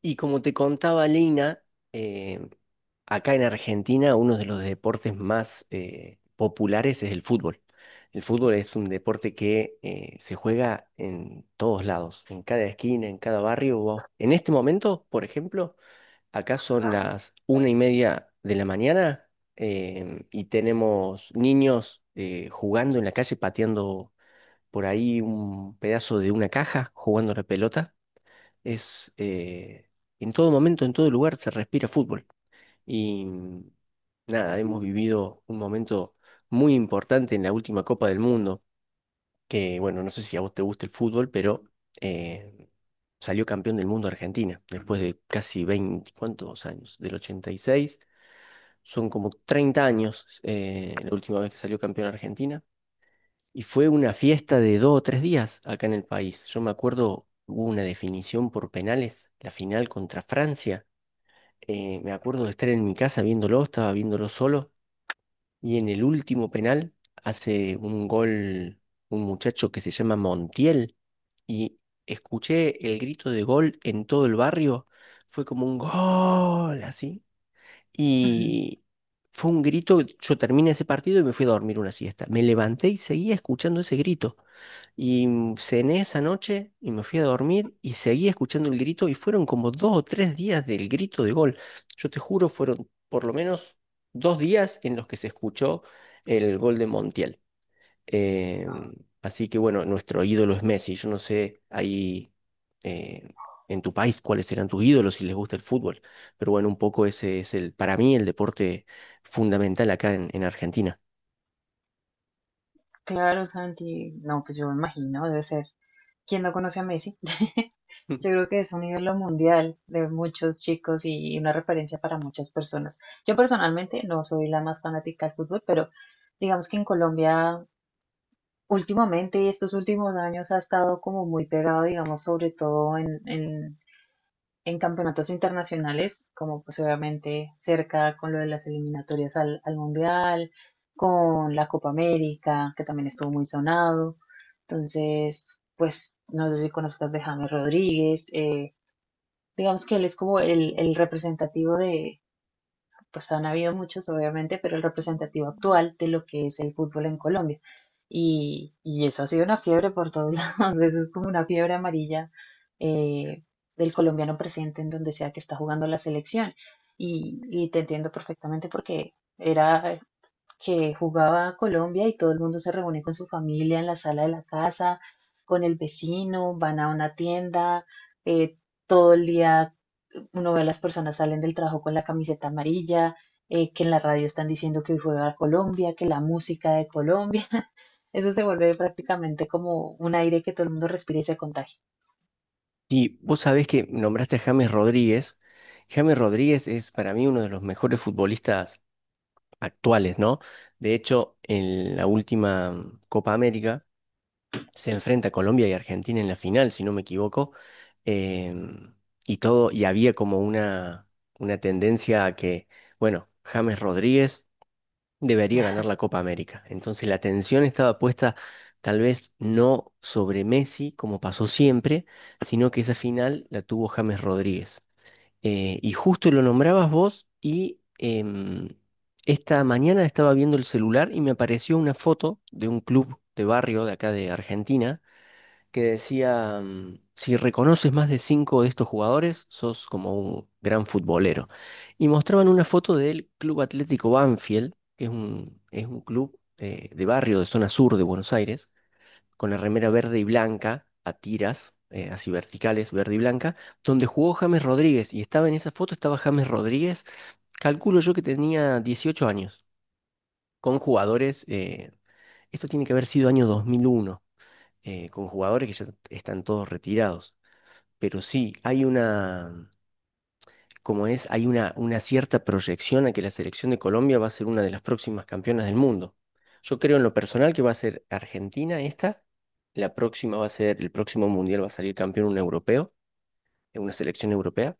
Y como te contaba Lina, eh, acá en Argentina uno de los deportes más populares es el fútbol. El fútbol es un deporte que se juega en todos lados, en cada esquina, en cada barrio. En este momento, por ejemplo, acá son las una y media de la mañana, y tenemos niños jugando en la calle, pateando por ahí un pedazo de una caja, jugando a la pelota. Es, eh, en todo momento, en todo lugar se respira fútbol. Y mm, nada, hemos vivido un momento muy importante en la última Copa del Mundo, que bueno, no sé si a vos te gusta el fútbol, pero eh, salió campeón del mundo Argentina, después de casi 20 ¿cuántos años? Del ochenta y seis, son como 30 años, la última vez que salió campeón Argentina. Y fue una fiesta de dos o tres días acá en el país. Yo me acuerdo, hubo una definición por penales, la final contra Francia. Me acuerdo de estar en mi casa viéndolo, estaba viéndolo solo. Y en el último penal hace un gol un muchacho que se llama Montiel. Y escuché el grito de gol en todo el barrio. Fue como un gol, así. Ujú. Y fue un grito, yo terminé ese partido y me fui a dormir una siesta. Me levanté y seguía escuchando ese grito. Cené esa noche y me fui a dormir y seguí escuchando el grito y fueron como dos o tres días del grito de gol. Yo te juro, fueron por lo menos dos días en los que se escuchó el gol de Montiel. Em, así que bueno, nuestro ídolo es Messi. Yo no sé ahí, eh, en tu país cuáles serán tus ídolos si les gusta el fútbol, pero bueno, un poco ese es el, para mí, el deporte fundamental acá en Argentina. Claro, Santi. No, pues yo me imagino, debe ser. ¿Quién no conoce a Messi? Yo creo que es un ídolo mundial de muchos chicos y una referencia para muchas personas. Yo personalmente no soy la más fanática del fútbol, pero digamos que en Colombia últimamente, estos últimos años, ha estado como muy pegado, digamos, sobre todo en campeonatos internacionales, como pues obviamente cerca con lo de las eliminatorias al Mundial, con la Copa América, que también estuvo muy sonado. Entonces, pues no sé si conozcas de James Rodríguez, digamos que él es como el representativo de, pues han habido muchos, obviamente, pero el representativo actual de lo que es el fútbol en Colombia. Y eso ha sido una fiebre por todos lados, eso es como una fiebre amarilla eh, del colombiano presente en donde sea que está jugando la selección. Y te entiendo perfectamente porque era que jugaba Colombia y todo el mundo se reúne con su familia en la sala de la casa, con el vecino, van a una tienda, eh, todo el día uno ve a las personas salen del trabajo con la camiseta amarilla, que en la radio están diciendo que hoy juega Colombia, que la música de Colombia. Eso se vuelve prácticamente como un aire que todo el mundo respira y se contagia. Y vos sabés que nombraste a James Rodríguez. James Rodríguez es para mí uno de los mejores futbolistas actuales, ¿no? De hecho, en la última Copa América se enfrenta a Colombia y Argentina en la final, si no me equivoco. em, y todo, y había como una tendencia a que, bueno, James Rodríguez debería ganar la Copa América. Entonces la atención estaba puesta tal vez no sobre Messi, como pasó siempre, sino que esa final la tuvo James Rodríguez. Y justo lo nombrabas vos y, esta mañana estaba viendo el celular y me apareció una foto de un club de barrio de acá de Argentina que decía, mm, si reconoces más de cinco de estos jugadores, sos como un gran futbolero. Y mostraban una foto del Club Atlético Banfield, que es es un club de barrio de zona sur de Buenos Aires, con la remera verde y blanca a tiras. Así verticales, verde y blanca, donde jugó James Rodríguez, y estaba en esa foto, estaba James Rodríguez, calculo yo que tenía 18 años, con jugadores, esto tiene que haber sido año 2001, con jugadores que ya están todos retirados. Pero sí, hay una cierta proyección a que la selección de Colombia va a ser una de las próximas campeonas del mundo. Yo creo en lo personal que va a ser Argentina esta, la próxima va a ser, el próximo mundial va a salir campeón un europeo, una selección europea,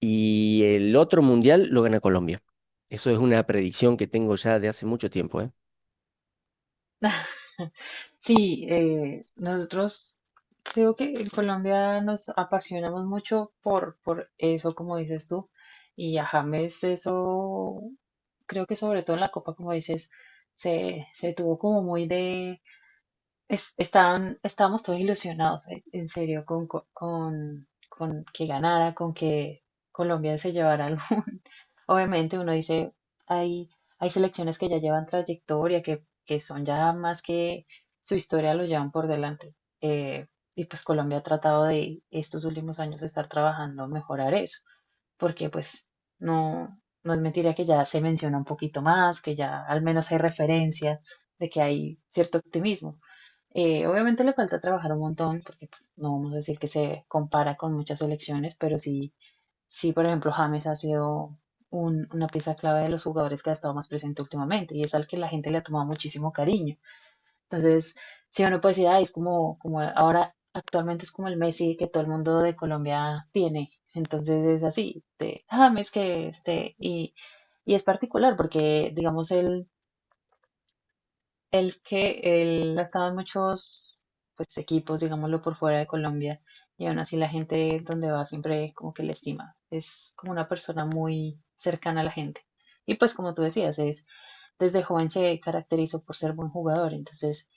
y el otro mundial lo gana Colombia. Eso es una predicción que tengo ya de hace mucho tiempo, ¿eh? Sí, nosotros creo que en Colombia nos apasionamos mucho por eso, como dices tú, y a James eso, creo que sobre todo en la Copa, como dices, se tuvo como muy de, estábamos todos ilusionados, en serio, con que ganara, con que Colombia se llevara algo, Obviamente uno dice, hay, hay selecciones que ya llevan trayectoria, que son ya más que su historia lo llevan por delante. Eh, y pues Colombia ha tratado de estos últimos años de estar trabajando, mejorar eso, porque pues no es mentira que ya se menciona un poquito más, que ya al menos hay referencia de que hay cierto optimismo. Obviamente le falta trabajar un montón, porque pues, no vamos a decir que se compara con muchas selecciones, pero sí sí, por ejemplo, James ha sido una pieza clave de los jugadores que ha estado más presente últimamente y es al que la gente le ha tomado muchísimo cariño. Entonces, si uno puede decir, "Ay, es como, como ahora actualmente es como el Messi que todo el mundo de Colombia tiene. Entonces es así, de James que este, y es particular porque, digamos, él el que él ha estado en muchos pues, equipos, digámoslo, por fuera de Colombia, y aún así la gente donde va siempre como que le estima. Es como una persona muy cercana a la gente. Y pues como tú decías, es, desde joven se caracterizó por ser buen jugador, entonces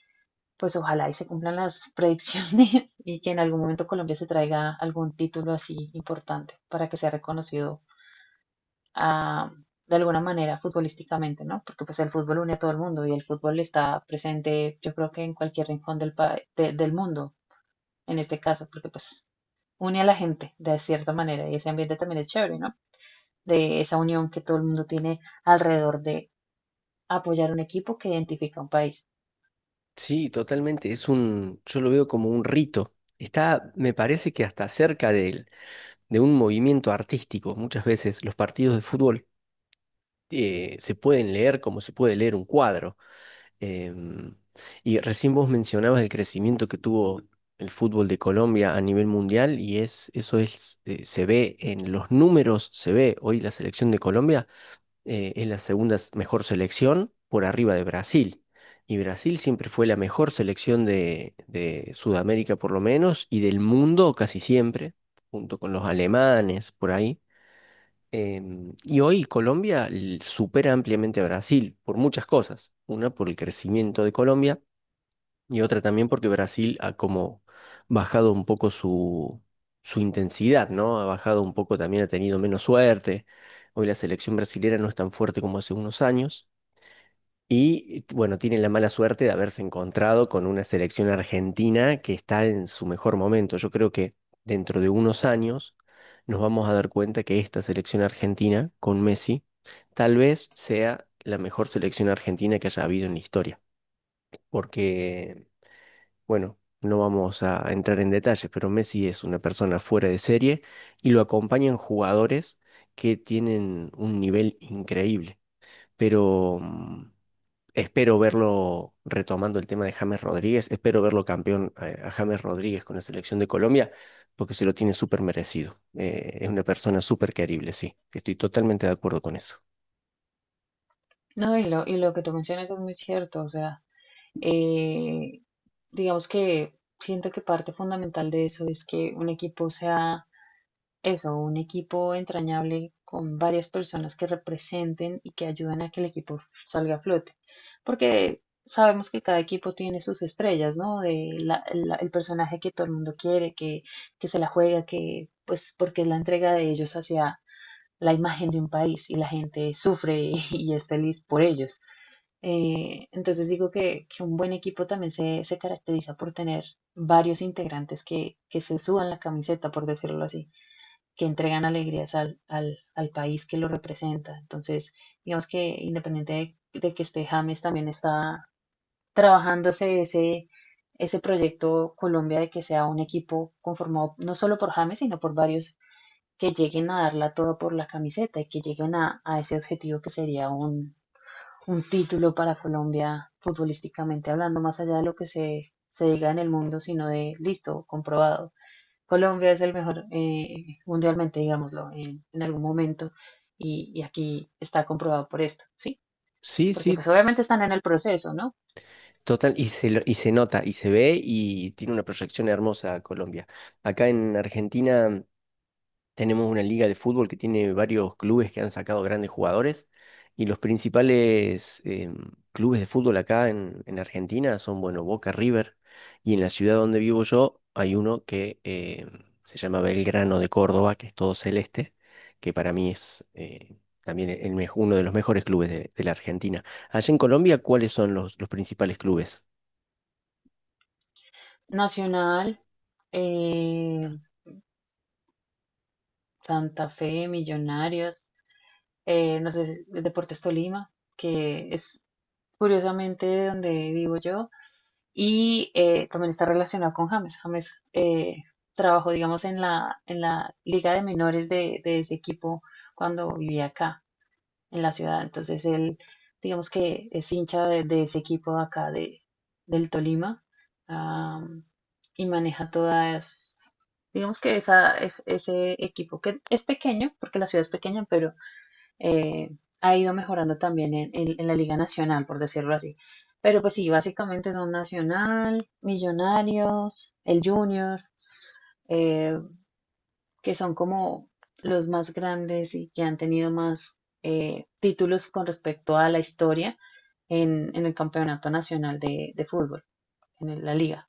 pues ojalá y se cumplan las predicciones y que en algún momento Colombia se traiga algún título así importante para que sea reconocido ah, de alguna manera futbolísticamente, ¿no? Porque pues el fútbol une a todo el mundo y el fútbol está presente, yo creo que en cualquier rincón del mundo, en este caso, porque pues une a la gente de cierta manera y ese ambiente también es chévere, ¿no? De esa unión que todo el mundo tiene alrededor de apoyar un equipo que identifica un país. Sí, totalmente. Es un, yo lo veo como un rito. Está, me parece que hasta cerca de él de un movimiento artístico. Muchas veces los partidos de fútbol se pueden leer como se puede leer un cuadro. Em, y recién vos mencionabas el crecimiento que tuvo el fútbol de Colombia a nivel mundial y es, eso es, se ve en los números, se ve hoy la selección de Colombia es la mejor selección por arriba de Brasil. Y Brasil siempre fue la mejor selección de Sudamérica por lo menos y del mundo casi siempre, junto con los alemanes por ahí. Y hoy Colombia supera ampliamente a Brasil por muchas cosas. Una por el crecimiento de Colombia y otra también porque Brasil ha como bajado un poco su intensidad, ¿no? Ha bajado un poco también, ha tenido menos suerte. Hoy la selección brasilera no es tan fuerte como hace unos años. Y bueno, tiene la mala suerte de haberse encontrado con una selección argentina que está en su mejor momento. Yo creo que dentro de unos años nos vamos a dar cuenta que esta selección argentina con Messi tal vez sea la mejor selección argentina que haya habido en la historia. Porque, bueno, no vamos a entrar en detalles, pero Messi es una persona fuera de serie y lo acompañan jugadores que tienen un nivel increíble. Pero... mm, Espero verlo retomando el tema de James Rodríguez, espero verlo campeón, a James Rodríguez con la selección de Colombia, porque se lo tiene súper merecido. Es una persona súper querible, sí. Estoy totalmente de acuerdo con eso. No, y lo que tú mencionas es muy cierto, o sea, eh, digamos que siento que parte fundamental de eso es que un equipo sea eso, un equipo entrañable con varias personas que representen y que ayuden a que el equipo salga a flote. Porque sabemos que cada equipo tiene sus estrellas, ¿no? El personaje que todo el mundo quiere, que se la juega, que pues porque es la entrega de ellos hacia la imagen de un país y la gente sufre y, es feliz por ellos. Entonces digo que un buen equipo también se caracteriza por tener varios integrantes que se suban la camiseta, por decirlo así que entregan alegrías al país que lo representa. Entonces, digamos que independiente de que esté James, también está trabajándose ese proyecto Colombia de que sea un equipo conformado no solo por James, sino por varios que lleguen a darla todo por la camiseta y que lleguen a ese objetivo que sería un título para Colombia futbolísticamente hablando, más allá de lo que se diga en el mundo, sino de listo, comprobado. Colombia es el mejor mundialmente, digámoslo, en algún momento. Y aquí está comprobado por esto, ¿sí? Sí, Porque sí, pues obviamente están en el proceso, ¿no? total, y se nota, y se ve, y tiene una proyección hermosa Colombia. Acá en Argentina tenemos una liga de fútbol que tiene varios clubes que han sacado grandes jugadores y los principales, clubes de fútbol acá en Argentina son, bueno, Boca River, y en la ciudad donde vivo yo hay uno que, se llama Belgrano de Córdoba, que es todo celeste, que para mí es, también uno de los mejores clubes de la Argentina. Allá en Colombia, ¿cuáles son los principales clubes? Nacional, eh, Santa Fe, Millonarios, no sé, Deportes Tolima, que es curiosamente donde vivo yo. Y también está relacionado con James. James trabajó, digamos, en en la liga de menores de ese equipo cuando vivía acá en la ciudad. Entonces él, digamos que es hincha de ese equipo de acá de, del Tolima am, y maneja todas, digamos que esa, es, ese equipo que es pequeño, porque la ciudad es pequeña, pero eh, ha ido mejorando también en la Liga Nacional, por decirlo así. Pero pues sí, básicamente son Nacional, Millonarios, el Junior. eh, que son como los más grandes y que han tenido más títulos con respecto a la historia en el campeonato nacional de fútbol, la liga.